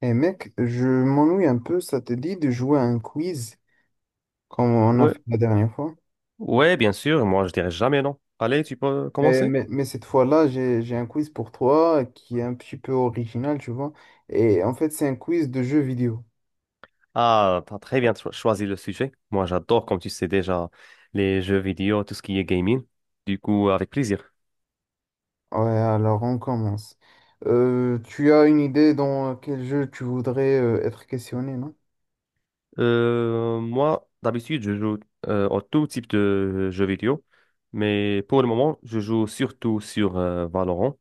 Eh mec, je m'ennuie un peu, ça te dit de jouer à un quiz comme on a Ouais, fait la dernière fois. ouais, bien sûr, moi je dirais jamais non. Allez, tu peux Mais, commencer? mais, mais cette fois-là, j'ai un quiz pour toi qui est un petit peu original, tu vois. Et en fait, c'est un quiz de jeux vidéo. Ah, t'as très bien choisi le sujet. Moi j'adore, comme tu sais déjà, les jeux vidéo, tout ce qui est gaming. Du coup, avec plaisir. Ouais, alors on commence. Tu as une idée dans quel jeu tu voudrais être questionné, non? Moi, d'habitude, je joue à tout type de jeux vidéo, mais pour le moment, je joue surtout sur Valorant,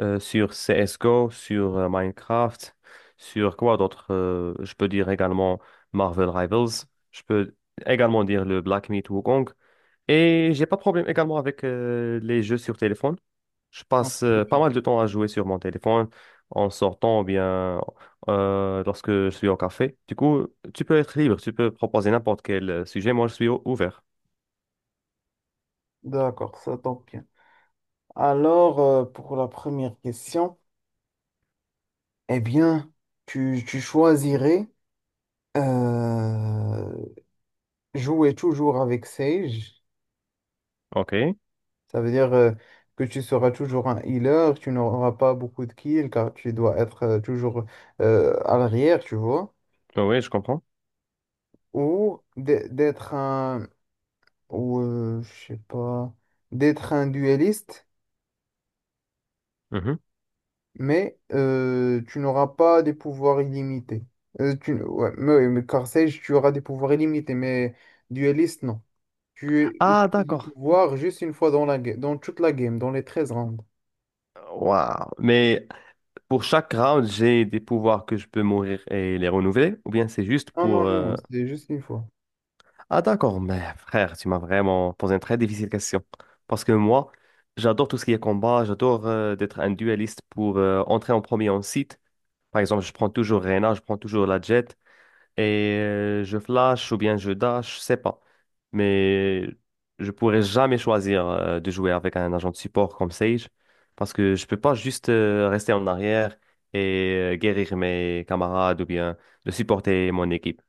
sur CSGO, sur Minecraft, sur quoi d'autre? Je peux dire également Marvel Rivals. Je peux également dire le Black Myth Wukong. Et j'ai pas de problème également avec les jeux sur téléphone. Je passe pas mal Ok. de temps à jouer sur mon téléphone en sortant ou bien lorsque je suis au café. Du coup, tu peux être libre, tu peux proposer n'importe quel sujet. Moi, je suis ouvert. D'accord, ça tombe bien. Alors, pour la première question, eh bien, tu choisirais euh, jouer toujours avec Sage, OK. Oui, ça veut dire que tu seras toujours un healer, tu n'auras pas beaucoup de kills car tu dois être toujours à l'arrière, tu vois. oui, je comprends. Ou d'être un, ou je sais pas, d'être un dueliste, Mhm. mais tu n'auras pas des pouvoirs illimités. Ouais, mais, oui, mais car Sage, tu auras des pouvoirs illimités, mais dueliste, non. Tu Ah, utilises le d'accord. pouvoir juste une fois dans dans toute la game, dans les 13 rounds. Waouh. Mais pour chaque round, j'ai des pouvoirs que je peux mourir et les renouveler, ou bien c'est juste Non, non, pour. non, c'est juste une fois. Ah d'accord, mais frère, tu m'as vraiment posé une très difficile question. Parce que moi, j'adore tout ce qui est combat, j'adore d'être un dueliste pour entrer en premier en site. Par exemple, je prends toujours Reyna, je prends toujours la Jet et je flash ou bien je dash, je sais pas. Mais je pourrais jamais choisir de jouer avec un agent de support comme Sage parce que je peux pas juste rester en arrière et guérir mes camarades ou bien de supporter mon équipe.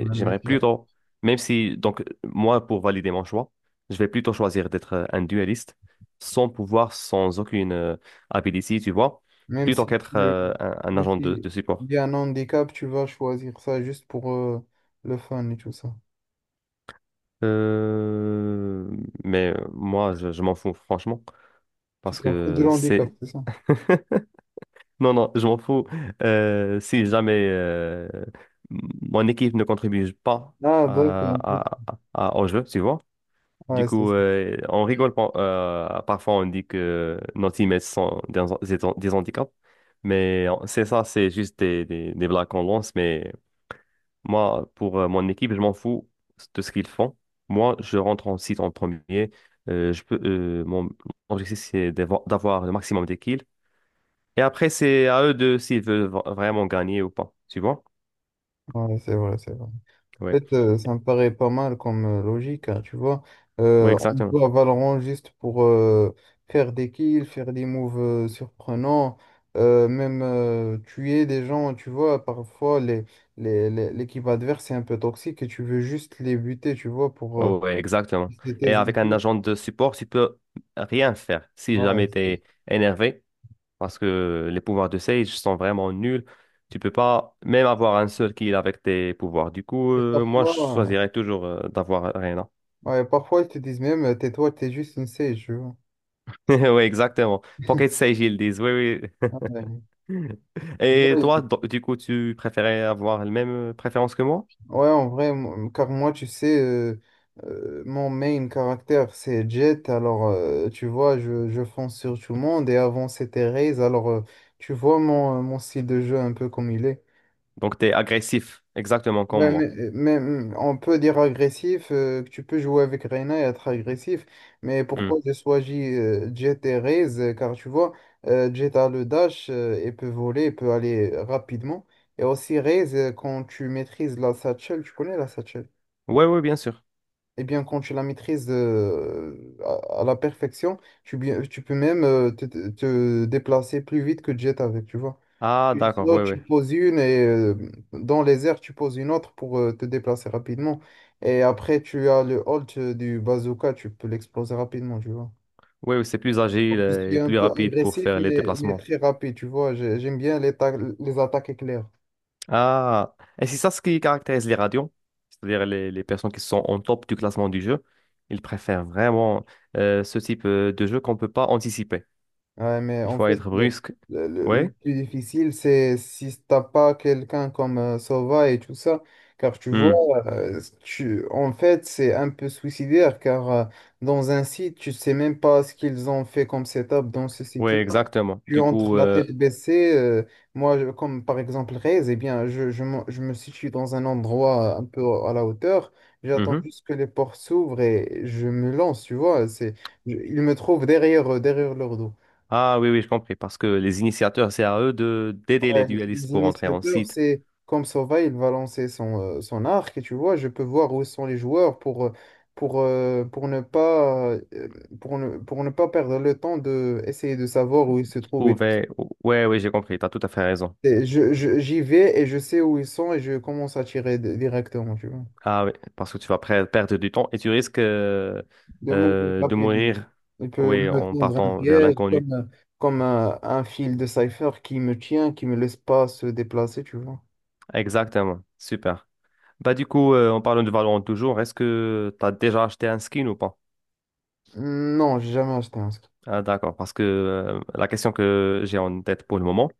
On va j'aimerais mettre là. plutôt, même si, donc, moi, pour valider mon choix, je vais plutôt choisir d'être un dueliste sans pouvoir, sans aucune ability, tu vois, Même plutôt si qu'être tu, un Même agent de si de support. il y a un handicap, tu vas choisir ça juste pour le fun et tout ça. Euh, moi, je m'en fous, franchement, Tu parce t'en fous de que l'handicap, c'est... c'est ça? Non, non, je m'en fous. Si jamais mon équipe ne contribue pas Ah, à, d'accord. à- au jeu, tu vois. Du Ouais, c'est coup, ça. On rigole parfois, on dit que nos teammates sont des handicaps. Mais c'est ça, c'est juste des blagues qu'on lance, mais moi, pour mon équipe, je m'en fous de ce qu'ils font. Moi, je rentre en site en premier. Je peux, mon mon objectif, c'est d'avoir le maximum de kills. Et après, c'est à eux de s'ils veulent vraiment gagner ou pas. Tu vois? Ouais, c'est vrai, c'est vrai. En Ouais. fait, ça me paraît pas mal comme logique, hein, tu vois. Ouais, On exactement. joue à Valorant juste pour faire des kills, faire des moves surprenants, même tuer des gens, tu vois. Parfois, l'équipe adverse est un peu toxique et tu veux juste les buter, tu vois, pour Oui, exactement. tester Et tes avec un infos. agent de support, tu peux rien faire si Ouais, jamais tu c'est- es énervé, parce que les pouvoirs de Sage sont vraiment nuls. Tu peux pas même avoir un seul kill avec tes pouvoirs. Du coup, et moi, je parfois, choisirais toujours d'avoir Arena. ouais, parfois, ils te disent même, tais-toi, t'es juste une sage, tu vois. Oui, exactement. Pocket Sage, ils disent. Oui, Ouais. oui. Tu Et vois, toi, du coup, tu préférais avoir la même préférence que moi? ouais, en vrai, car moi, tu sais, mon main caractère, c'est Jet. Alors, tu vois, je fonce sur tout le monde. Et avant, c'était Raze. Alors, tu vois mon style de jeu un peu comme il est. Donc, tu es agressif, exactement comme Ouais, moi. On peut dire agressif, que tu peux jouer avec Reyna et être agressif. Mais Oui, pourquoi j'ai choisi Jet et Raze? Car tu vois, Jet a le dash et peut voler, et peut aller rapidement. Et aussi Raze, quand tu maîtrises la satchel, tu connais la satchel? oui, bien sûr. Eh bien, quand tu la maîtrises à la perfection, tu peux même te déplacer plus vite que Jet avec, tu vois. Ah, Tu d'accord, sautes, oui, oui. tu poses une et dans les airs, tu poses une autre pour te déplacer rapidement. Et après, tu as le hold du bazooka, tu peux l'exploser rapidement, tu vois. Oui, c'est plus agile Je suis et un plus peu rapide pour agressif, faire les mais déplacements. très rapide, tu vois. J'aime bien les attaques éclair. Ah, et c'est ça ce qui caractérise les radios, c'est-à-dire les personnes qui sont en top du classement du jeu. Ils préfèrent vraiment ce type de jeu qu'on ne peut pas anticiper. Ouais, mais Il en faut fait, être brusque. Le Oui, plus difficile, c'est si t'as pas quelqu'un comme Sova et tout ça, car tu vois, en fait, c'est un peu suicidaire, car dans un site, tu sais même pas ce qu'ils ont fait comme setup dans ce oui, site-là. exactement. Tu Du entres coup, la tête baissée, moi, comme par exemple Rez, eh bien, je me situe dans un endroit un peu à la hauteur, j'attends mhm. juste que les portes s'ouvrent et je me lance, tu vois, ils me trouvent derrière, derrière leur dos. Ah oui, oui, je compris. Parce que les initiateurs, c'est à eux de d'aider les Ouais, dualistes les pour entrer en initiateurs, site. c'est comme Sova, il va lancer son arc, et tu vois, je peux voir où sont les joueurs pour, euh, pour ne pas, euh, pour ne pas perdre le temps de essayer de savoir où ils se trouvent. Et tout. Oui, oui, j'ai compris. Tu as tout à fait raison. Et j'y vais et je sais où ils sont et je commence à tirer directement, tu vois. Ah oui, parce que tu vas perdre du temps et tu risques De mourir de rapidement. mourir, Il peut oui, me en tendre un partant vers piège l'inconnu. Comme un fil de cipher qui me tient, qui me laisse pas se déplacer, tu vois. Exactement, super. Bah du coup, en parlant de Valorant toujours, est-ce que tu as déjà acheté un skin ou pas? Non, j'ai jamais acheté un script. Ah d'accord, parce que la question que j'ai en tête pour le moment,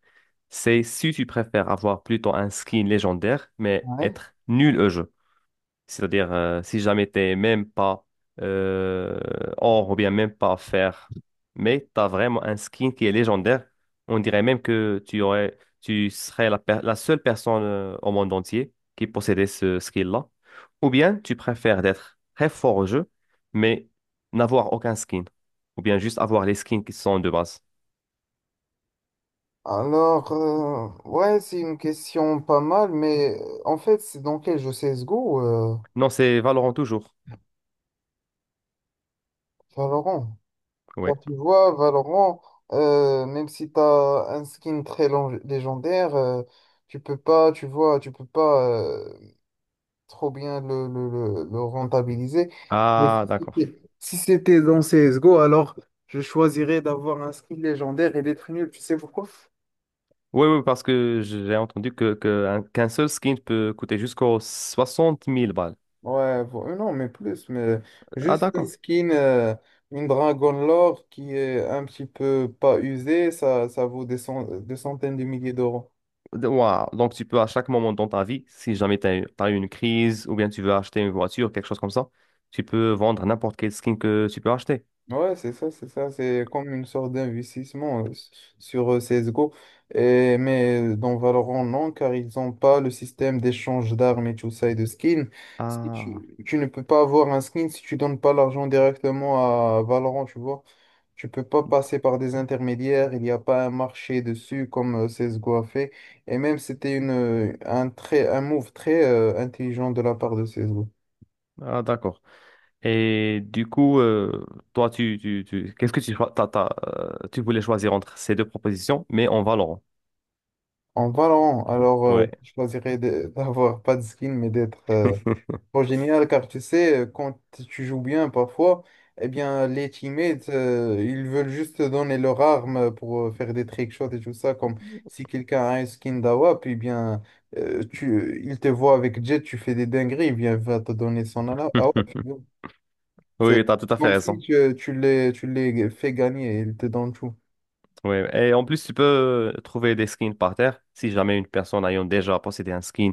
c'est si tu préfères avoir plutôt un skin légendaire, mais Ouais. être nul au jeu. C'est-à-dire, si jamais t'es même pas euh, or ou bien même pas fer, mais t'as vraiment un skin qui est légendaire, on dirait même que tu aurais, tu serais la seule personne au monde entier qui possédait ce skill-là. Ou bien tu préfères d'être très fort au jeu, mais n'avoir aucun skin. Ou bien juste avoir les skins qui sont de base. Alors, ouais, c'est une question pas mal, mais en fait, c'est dans quel jeu CSGO, Non, c'est Valorant toujours. Valorant? Car Ouais. tu vois, Valorant, même si tu as un skin très légendaire, tu peux pas, tu vois, tu peux pas trop bien le rentabiliser. Mais Ah, si d'accord. c'était si c'était dans CSGO, alors je choisirais d'avoir un skin légendaire et d'être nul. Tu sais pourquoi? Oui, oui, parce que j'ai entendu qu'un seul skin peut coûter jusqu'aux 60 000 balles. Non, mais plus, mais Ah, juste une d'accord. skin, une Dragon Lore qui est un petit peu pas usée, ça vaut des centaines de milliers d'euros. Waouh. Donc, tu peux à chaque moment dans ta vie, si jamais tu as, eu t'as eu une crise ou bien tu veux acheter une voiture, quelque chose comme ça, tu peux vendre n'importe quel skin que tu peux acheter. Ouais, c'est ça, c'est ça. C'est comme une sorte d'investissement sur CSGO. Et, mais dans Valorant, non, car ils n'ont pas le système d'échange d'armes et tout ça et de skins. Si Ah, tu ne peux pas avoir un skin si tu donnes pas l'argent directement à Valorant, tu vois. Tu peux pas passer par des intermédiaires, il n'y a pas un marché dessus comme CSGO a fait. Et même, c'était un move très intelligent de la part de CSGO. ah d'accord. Et du coup, toi, qu'est-ce que tu voulais choisir entre ces deux propositions, mais en Valorant. En Valorant, alors Ouais. je choisirais d'avoir pas de skin mais d'être trop génial car tu sais, quand tu joues bien parfois, eh bien les teammates ils veulent juste te donner leur arme pour faire des trickshots et tout ça. Comme si quelqu'un a un skin d'AWAP, eh bien il te voit avec Jet, tu fais des dingueries, eh bien il va te donner son AWAP. C'est Oui, tu as tout à fait comme si raison. Tu les fais gagner, il te donne tout. Oui, et en plus, tu peux trouver des skins par terre si jamais une personne ayant déjà possédé un skin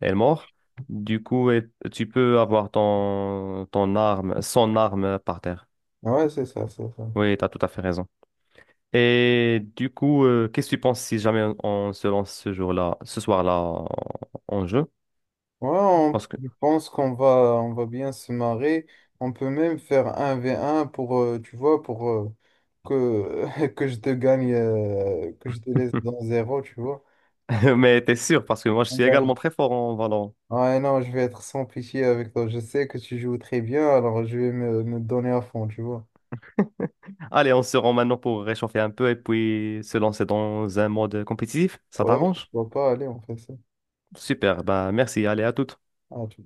est morte. Du coup, tu peux avoir ton arme, son arme par terre. Ah, ouais, c'est ça, c'est ça. Oui, tu as tout à fait raison. Et du coup, qu'est-ce que tu penses si jamais on se lance ce jour-là, ce soir-là en jeu? Ouais, Parce que... je pense qu'on va bien se marrer. On peut même faire un v un tu vois, pour que je te gagne, que je te laisse dans zéro, tu vois. Mais t'es sûr, parce que moi, je suis Ouais. également très fort en Valorant. Ouais, non, je vais être sans pitié avec toi. Je sais que tu joues très bien, alors je vais me donner à fond, tu vois. Allez, on se rend maintenant pour réchauffer un peu et puis se lancer dans un mode compétitif. Ça Ouais, je t'arrange? vois pas, allez, on fait ça. Super, bah merci, allez à toutes. Ah, tu